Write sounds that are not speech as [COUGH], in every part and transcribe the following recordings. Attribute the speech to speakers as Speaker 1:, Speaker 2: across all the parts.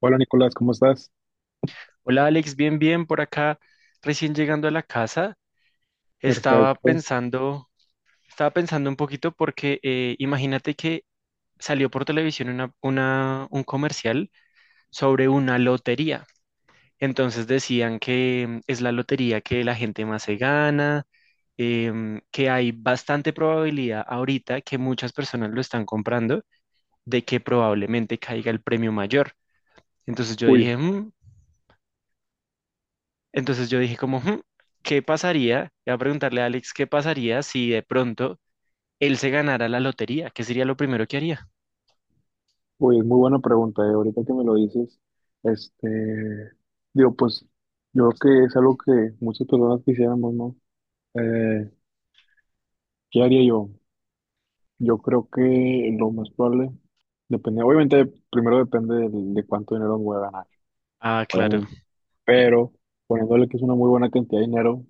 Speaker 1: Hola Nicolás, ¿cómo estás?
Speaker 2: Hola Alex, bien, bien por acá, recién llegando a la casa, estaba
Speaker 1: Perfecto.
Speaker 2: pensando, estaba pensando un poquito porque imagínate que salió por televisión un comercial sobre una lotería. Entonces decían que es la lotería que la gente más se gana, que hay bastante probabilidad ahorita que muchas personas lo están comprando de que probablemente caiga el premio mayor. Entonces yo
Speaker 1: Uy,
Speaker 2: dije, "Mm, Entonces yo dije como, "Hmm, ¿qué pasaría?" Voy a preguntarle a Alex, ¿qué pasaría si de pronto él se ganara la lotería? ¿Qué sería lo primero que haría?
Speaker 1: uy, es muy buena pregunta, ahorita que me lo dices, este, digo, pues yo creo que es algo que muchas personas quisiéramos, ¿no? Eh, ¿Qué haría yo? Yo creo que lo más probable, depende, obviamente primero depende de cuánto dinero me voy a ganar,
Speaker 2: Ah, claro.
Speaker 1: obviamente, pero poniéndole que es una muy buena cantidad de dinero,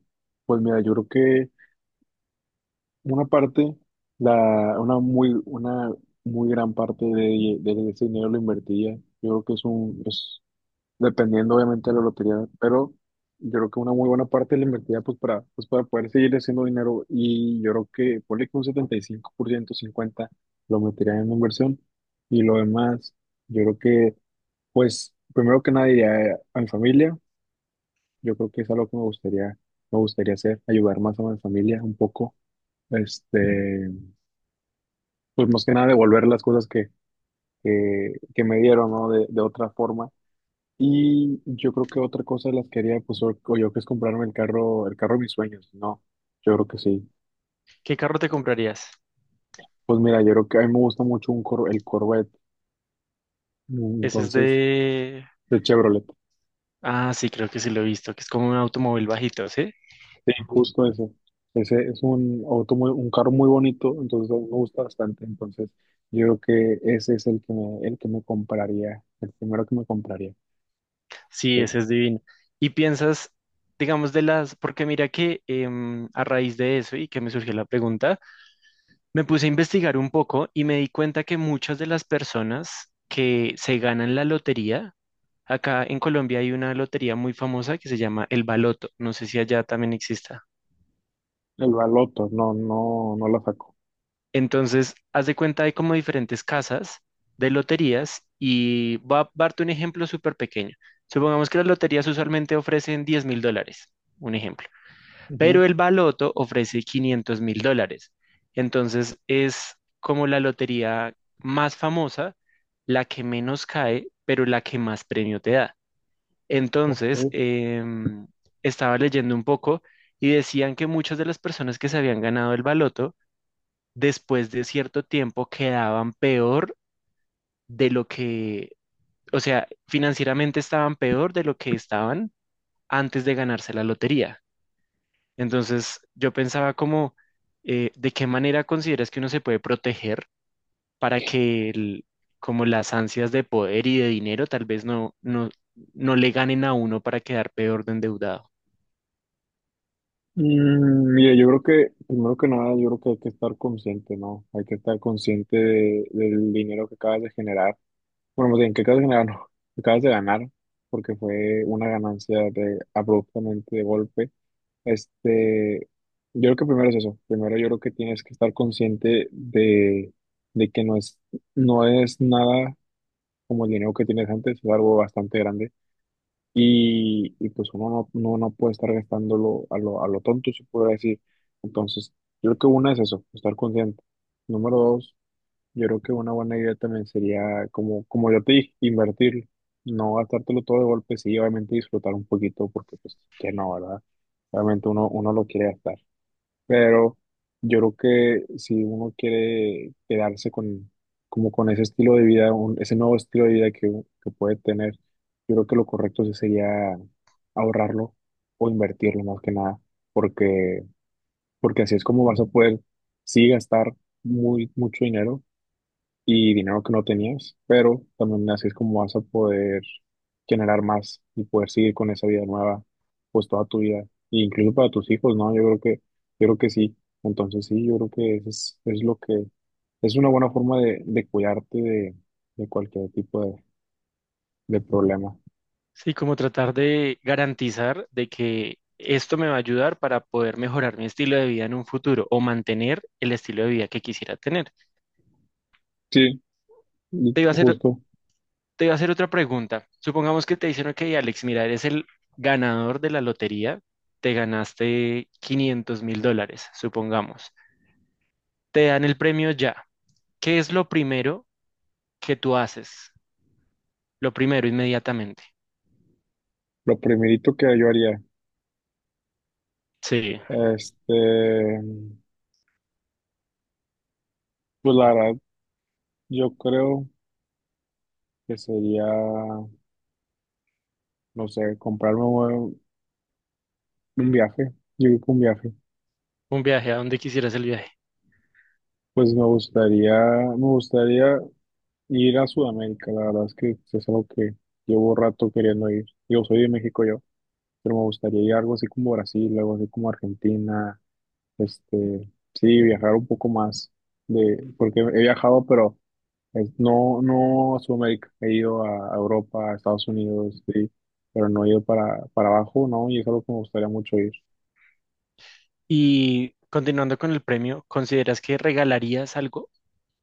Speaker 1: pues mira, yo creo que una parte, una muy gran parte de ese dinero lo invertiría. Yo creo que es dependiendo obviamente de la lotería, pero yo creo que una muy buena parte la invertiría pues para poder seguir haciendo dinero, y yo creo que ponle que un 75%, 50% lo metería en inversión y lo demás, yo creo que pues primero que nada iría a mi familia, yo creo que es algo que me gustaría hacer, ayudar más a mi familia un poco. Este, pues más que nada devolver las cosas que me dieron, ¿no? De otra forma. Y yo creo que otra cosa de las que haría, pues, o yo que es comprarme el carro de mis sueños, ¿no? Yo creo que sí.
Speaker 2: ¿Qué carro te comprarías?
Speaker 1: Pues mira, yo creo que a mí me gusta mucho el Corvette, mm,
Speaker 2: Ese es
Speaker 1: entonces,
Speaker 2: de...
Speaker 1: el Chevrolet.
Speaker 2: Ah, sí, creo que sí lo he visto, que es como un automóvil bajito, ¿sí?
Speaker 1: Sí, justo eso. Ese es un carro muy bonito, entonces a mí me gusta bastante. Entonces, yo creo que ese es el que me compraría, el primero que me compraría.
Speaker 2: Sí, ese es divino. Y piensas, digamos, de las... Porque mira que a raíz de eso y que me surgió la pregunta, me puse a investigar un poco y me di cuenta que muchas de las personas que se ganan la lotería, acá en Colombia hay una lotería muy famosa que se llama el Baloto. No sé si allá también exista.
Speaker 1: El baloto, no, no la saco.
Speaker 2: Entonces, haz de cuenta, hay como diferentes casas de loterías y va a darte un ejemplo súper pequeño. Supongamos que las loterías usualmente ofrecen 10 mil dólares, un ejemplo, pero el Baloto ofrece 500 mil dólares. Entonces, es como la lotería más famosa, la que menos cae, pero la que más premio te da. Entonces,
Speaker 1: Ok.
Speaker 2: estaba leyendo un poco y decían que muchas de las personas que se habían ganado el baloto, después de cierto tiempo quedaban peor de lo que, o sea, financieramente estaban peor de lo que estaban antes de ganarse la lotería. Entonces, yo pensaba como, ¿de qué manera consideras que uno se puede proteger para que como las ansias de poder y de dinero tal vez no le ganen a uno para quedar peor de endeudado?
Speaker 1: Mira, yo creo que, primero que nada, yo creo que hay que estar consciente, ¿no? Hay que estar consciente del dinero que acabas de generar. Bueno, más bien, que acabas de generar, [LAUGHS] no, que acabas de ganar, porque fue una ganancia de, abruptamente de golpe. Este, yo creo que primero es eso. Primero yo creo que tienes que estar consciente de que no es, no es nada como el dinero que tienes antes, es algo bastante grande y pues uno no, no puede estar gastándolo a lo tonto, se puede decir. Entonces, yo creo que una es eso, estar consciente. Número dos, yo creo que una buena idea también sería, como, como yo te dije, invertir, no gastártelo todo de golpe, sí, obviamente disfrutar un poquito, porque pues que no, ¿verdad? Obviamente uno lo quiere gastar. Pero yo creo que si uno quiere quedarse con, como con ese estilo de vida, ese nuevo estilo de vida que, que puede tener, yo creo que lo correcto sí sería ahorrarlo o invertirlo más que nada, porque, porque así es como vas a poder, sí, gastar mucho dinero y dinero que no tenías, pero también así es como vas a poder generar más y poder seguir con esa vida nueva, pues toda tu vida, e incluso para tus hijos, ¿no? Yo creo que sí. Entonces sí, yo creo que es lo que es una buena forma de cuidarte de cualquier tipo de problema.
Speaker 2: Sí, como tratar de garantizar de que esto me va a ayudar para poder mejorar mi estilo de vida en un futuro o mantener el estilo de vida que quisiera tener.
Speaker 1: Sí, y
Speaker 2: Te iba a hacer,
Speaker 1: justo.
Speaker 2: te iba a hacer otra pregunta. Supongamos que te dicen, ok, Alex, mira, eres el ganador de la lotería, te ganaste 500 mil dólares, supongamos. Te dan el premio ya. ¿Qué es lo primero que tú haces? Lo primero, inmediatamente.
Speaker 1: Lo primerito que yo haría,
Speaker 2: Sí,
Speaker 1: este, pues la verdad, yo creo que sería, no sé, comprarme un viaje, yo creo que un viaje.
Speaker 2: un viaje, ¿a dónde quisieras el viaje?
Speaker 1: Pues me gustaría ir a Sudamérica, la verdad es que es algo que llevo rato queriendo ir. Yo soy de México yo, pero me gustaría ir a algo así como Brasil, algo así como Argentina, sí, viajar un poco más de, porque he viajado, pero no a Sudamérica, he ido a Europa, a Estados Unidos, sí, pero no he ido para abajo, ¿no? Y es algo que me gustaría mucho ir.
Speaker 2: Y continuando con el premio, ¿consideras que regalarías algo?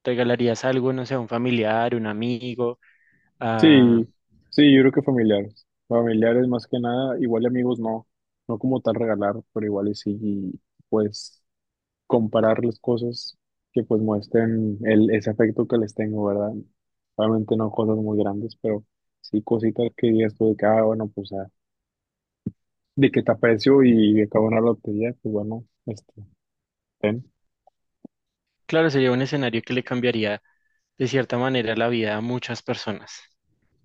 Speaker 2: ¿Regalarías algo, no sé, a un familiar, un amigo? A-
Speaker 1: Sí, sí, yo creo que familiares. Familiares más que nada, igual y amigos no, no como tal regalar, pero igual y sí, y, pues comparar las cosas que pues muestren el, ese afecto que les tengo, ¿verdad? Obviamente no cosas muy grandes, pero sí cositas que digas tú de que, ah, bueno, pues ah, de que te aprecio y acabo una lotería, pues bueno, ten.
Speaker 2: Claro, sería un escenario que le cambiaría de cierta manera la vida a muchas personas.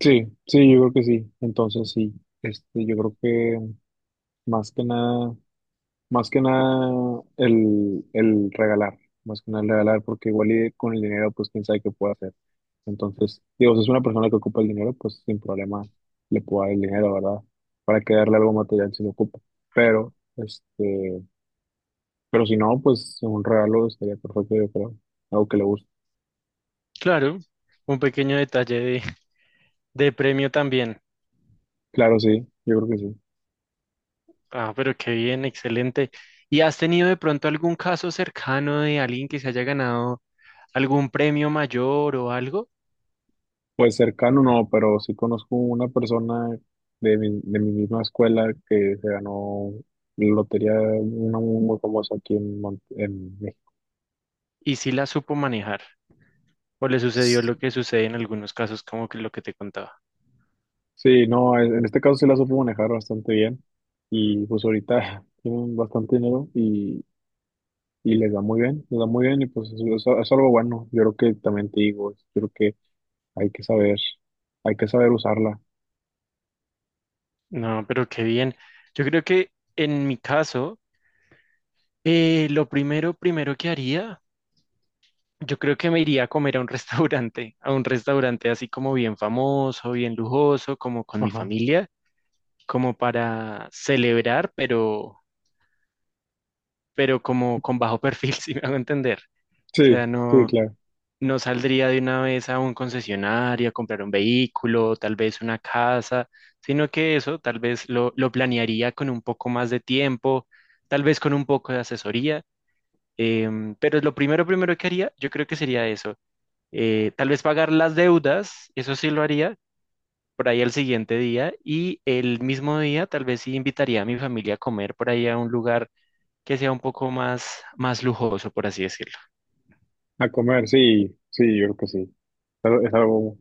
Speaker 1: Sí, sí, yo creo que sí. Entonces sí, yo creo que más que nada. Más que nada el regalar, más que nada el regalar, porque igual y con el dinero, pues quién sabe qué puede hacer. Entonces, digo, si es una persona que ocupa el dinero, pues sin problema le puedo dar el dinero, ¿verdad? Para que darle algo material si lo ocupa. Pero, pero si no, pues un regalo estaría perfecto, yo creo. Algo que le guste.
Speaker 2: Claro, un pequeño detalle de premio también.
Speaker 1: Claro, sí, yo creo que sí.
Speaker 2: Ah, pero qué bien, excelente. ¿Y has tenido de pronto algún caso cercano de alguien que se haya ganado algún premio mayor o algo?
Speaker 1: Pues cercano no, pero sí conozco una persona de mi misma escuela que se ganó la lotería, una muy, muy famosa aquí en, en México.
Speaker 2: ¿Y si la supo manejar? ¿O le sucedió lo que sucede en algunos casos, como que lo que te contaba?
Speaker 1: Sí, no, en este caso sí la supo manejar bastante bien y pues ahorita [LAUGHS] tienen bastante dinero y les da muy bien, les da muy bien y pues es algo bueno. Yo creo que también te digo, yo creo que hay que saber, hay que saber usarla.
Speaker 2: No, pero qué bien. Yo creo que en mi caso, lo primero, primero que haría, yo creo que me iría a comer a un [LAUGHS] restaurante, a un restaurante así como bien famoso, bien lujoso, como con mi
Speaker 1: Ajá.
Speaker 2: familia, como para celebrar, pero como con bajo perfil, [LAUGHS] si me hago entender. O
Speaker 1: Sí,
Speaker 2: sea,
Speaker 1: sí,
Speaker 2: no.
Speaker 1: claro.
Speaker 2: No saldría de una vez a un concesionario a comprar un vehículo, tal vez una casa, sino que eso tal vez lo planearía con un poco más de tiempo, tal vez con un poco de asesoría, pero lo primero, primero que haría, yo creo que sería eso, tal vez pagar las deudas, eso sí lo haría. Por ahí al siguiente día y el mismo día tal vez sí invitaría a mi familia a comer por ahí a un lugar que sea un poco más, más lujoso, por así decirlo.
Speaker 1: A comer, sí, sí, yo creo que sí. Pero es algo,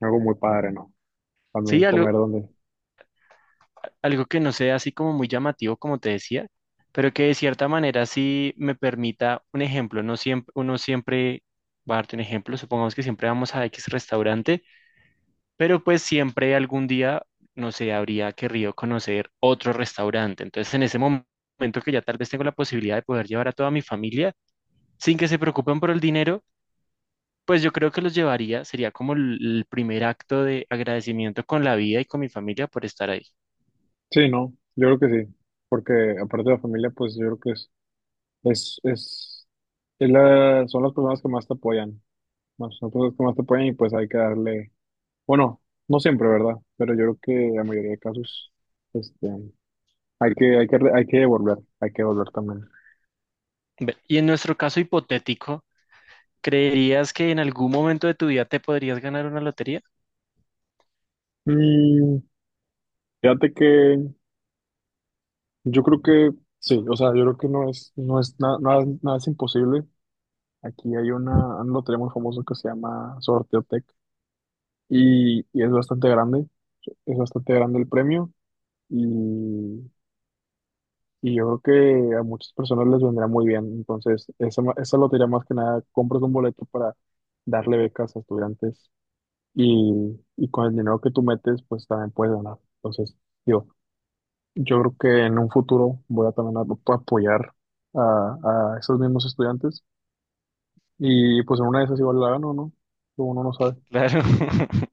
Speaker 1: algo muy padre, ¿no? También
Speaker 2: Sí, algo,
Speaker 1: comer donde.
Speaker 2: algo que no sea así como muy llamativo, como te decía, pero que de cierta manera sí me permita un ejemplo. No siempre, uno siempre va a darte un ejemplo, supongamos que siempre vamos a X restaurante, pero pues siempre algún día, no sé, habría querido conocer otro restaurante. Entonces, en ese momento que ya tal vez tengo la posibilidad de poder llevar a toda mi familia sin que se preocupen por el dinero. Pues yo creo que los llevaría, sería como el primer acto de agradecimiento con la vida y con mi familia por estar ahí.
Speaker 1: Sí, no, yo creo que sí. Porque aparte de la familia, pues yo creo que es, es, es son las personas que más te apoyan. ¿No? Son las personas que más te apoyan y pues hay que darle, bueno, no siempre, ¿verdad? Pero yo creo que en la mayoría de casos, este, hay que devolver también.
Speaker 2: Y en nuestro caso hipotético, ¿creerías que en algún momento de tu vida te podrías ganar una lotería?
Speaker 1: Mm, fíjate que yo creo que sí, o sea, yo creo que no es, nada, nada es imposible. Aquí hay un lotería muy famosa que se llama Sorteotec y es bastante grande el premio y, y yo creo que a muchas personas les vendrá muy bien. Entonces, esa lotería más que nada, compras un boleto para darle becas a estudiantes y con el dinero que tú metes, pues también puedes ganar. Entonces, digo, yo creo que en un futuro voy a también a apoyar a, a esos mismos estudiantes y pues en una de esas igual la gano, ¿no? Uno no sabe.
Speaker 2: Claro. [LAUGHS]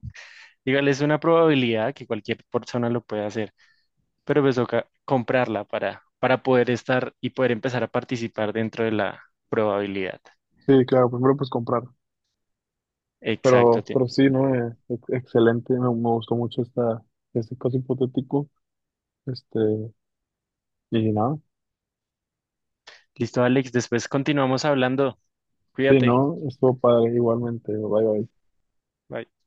Speaker 2: Dígale, es una probabilidad que cualquier persona lo puede hacer, pero pues toca comprarla para poder estar y poder empezar a participar dentro de la probabilidad.
Speaker 1: Sí, claro, primero pues comprar.
Speaker 2: Exacto. Te-
Speaker 1: Pero sí, ¿no? Excelente, me gustó mucho este caso hipotético. Este, y nada,
Speaker 2: Listo, Alex. Después continuamos hablando.
Speaker 1: sí,
Speaker 2: Cuídate.
Speaker 1: ¿no? Estuvo padre igualmente. Bye, bye.
Speaker 2: Bye.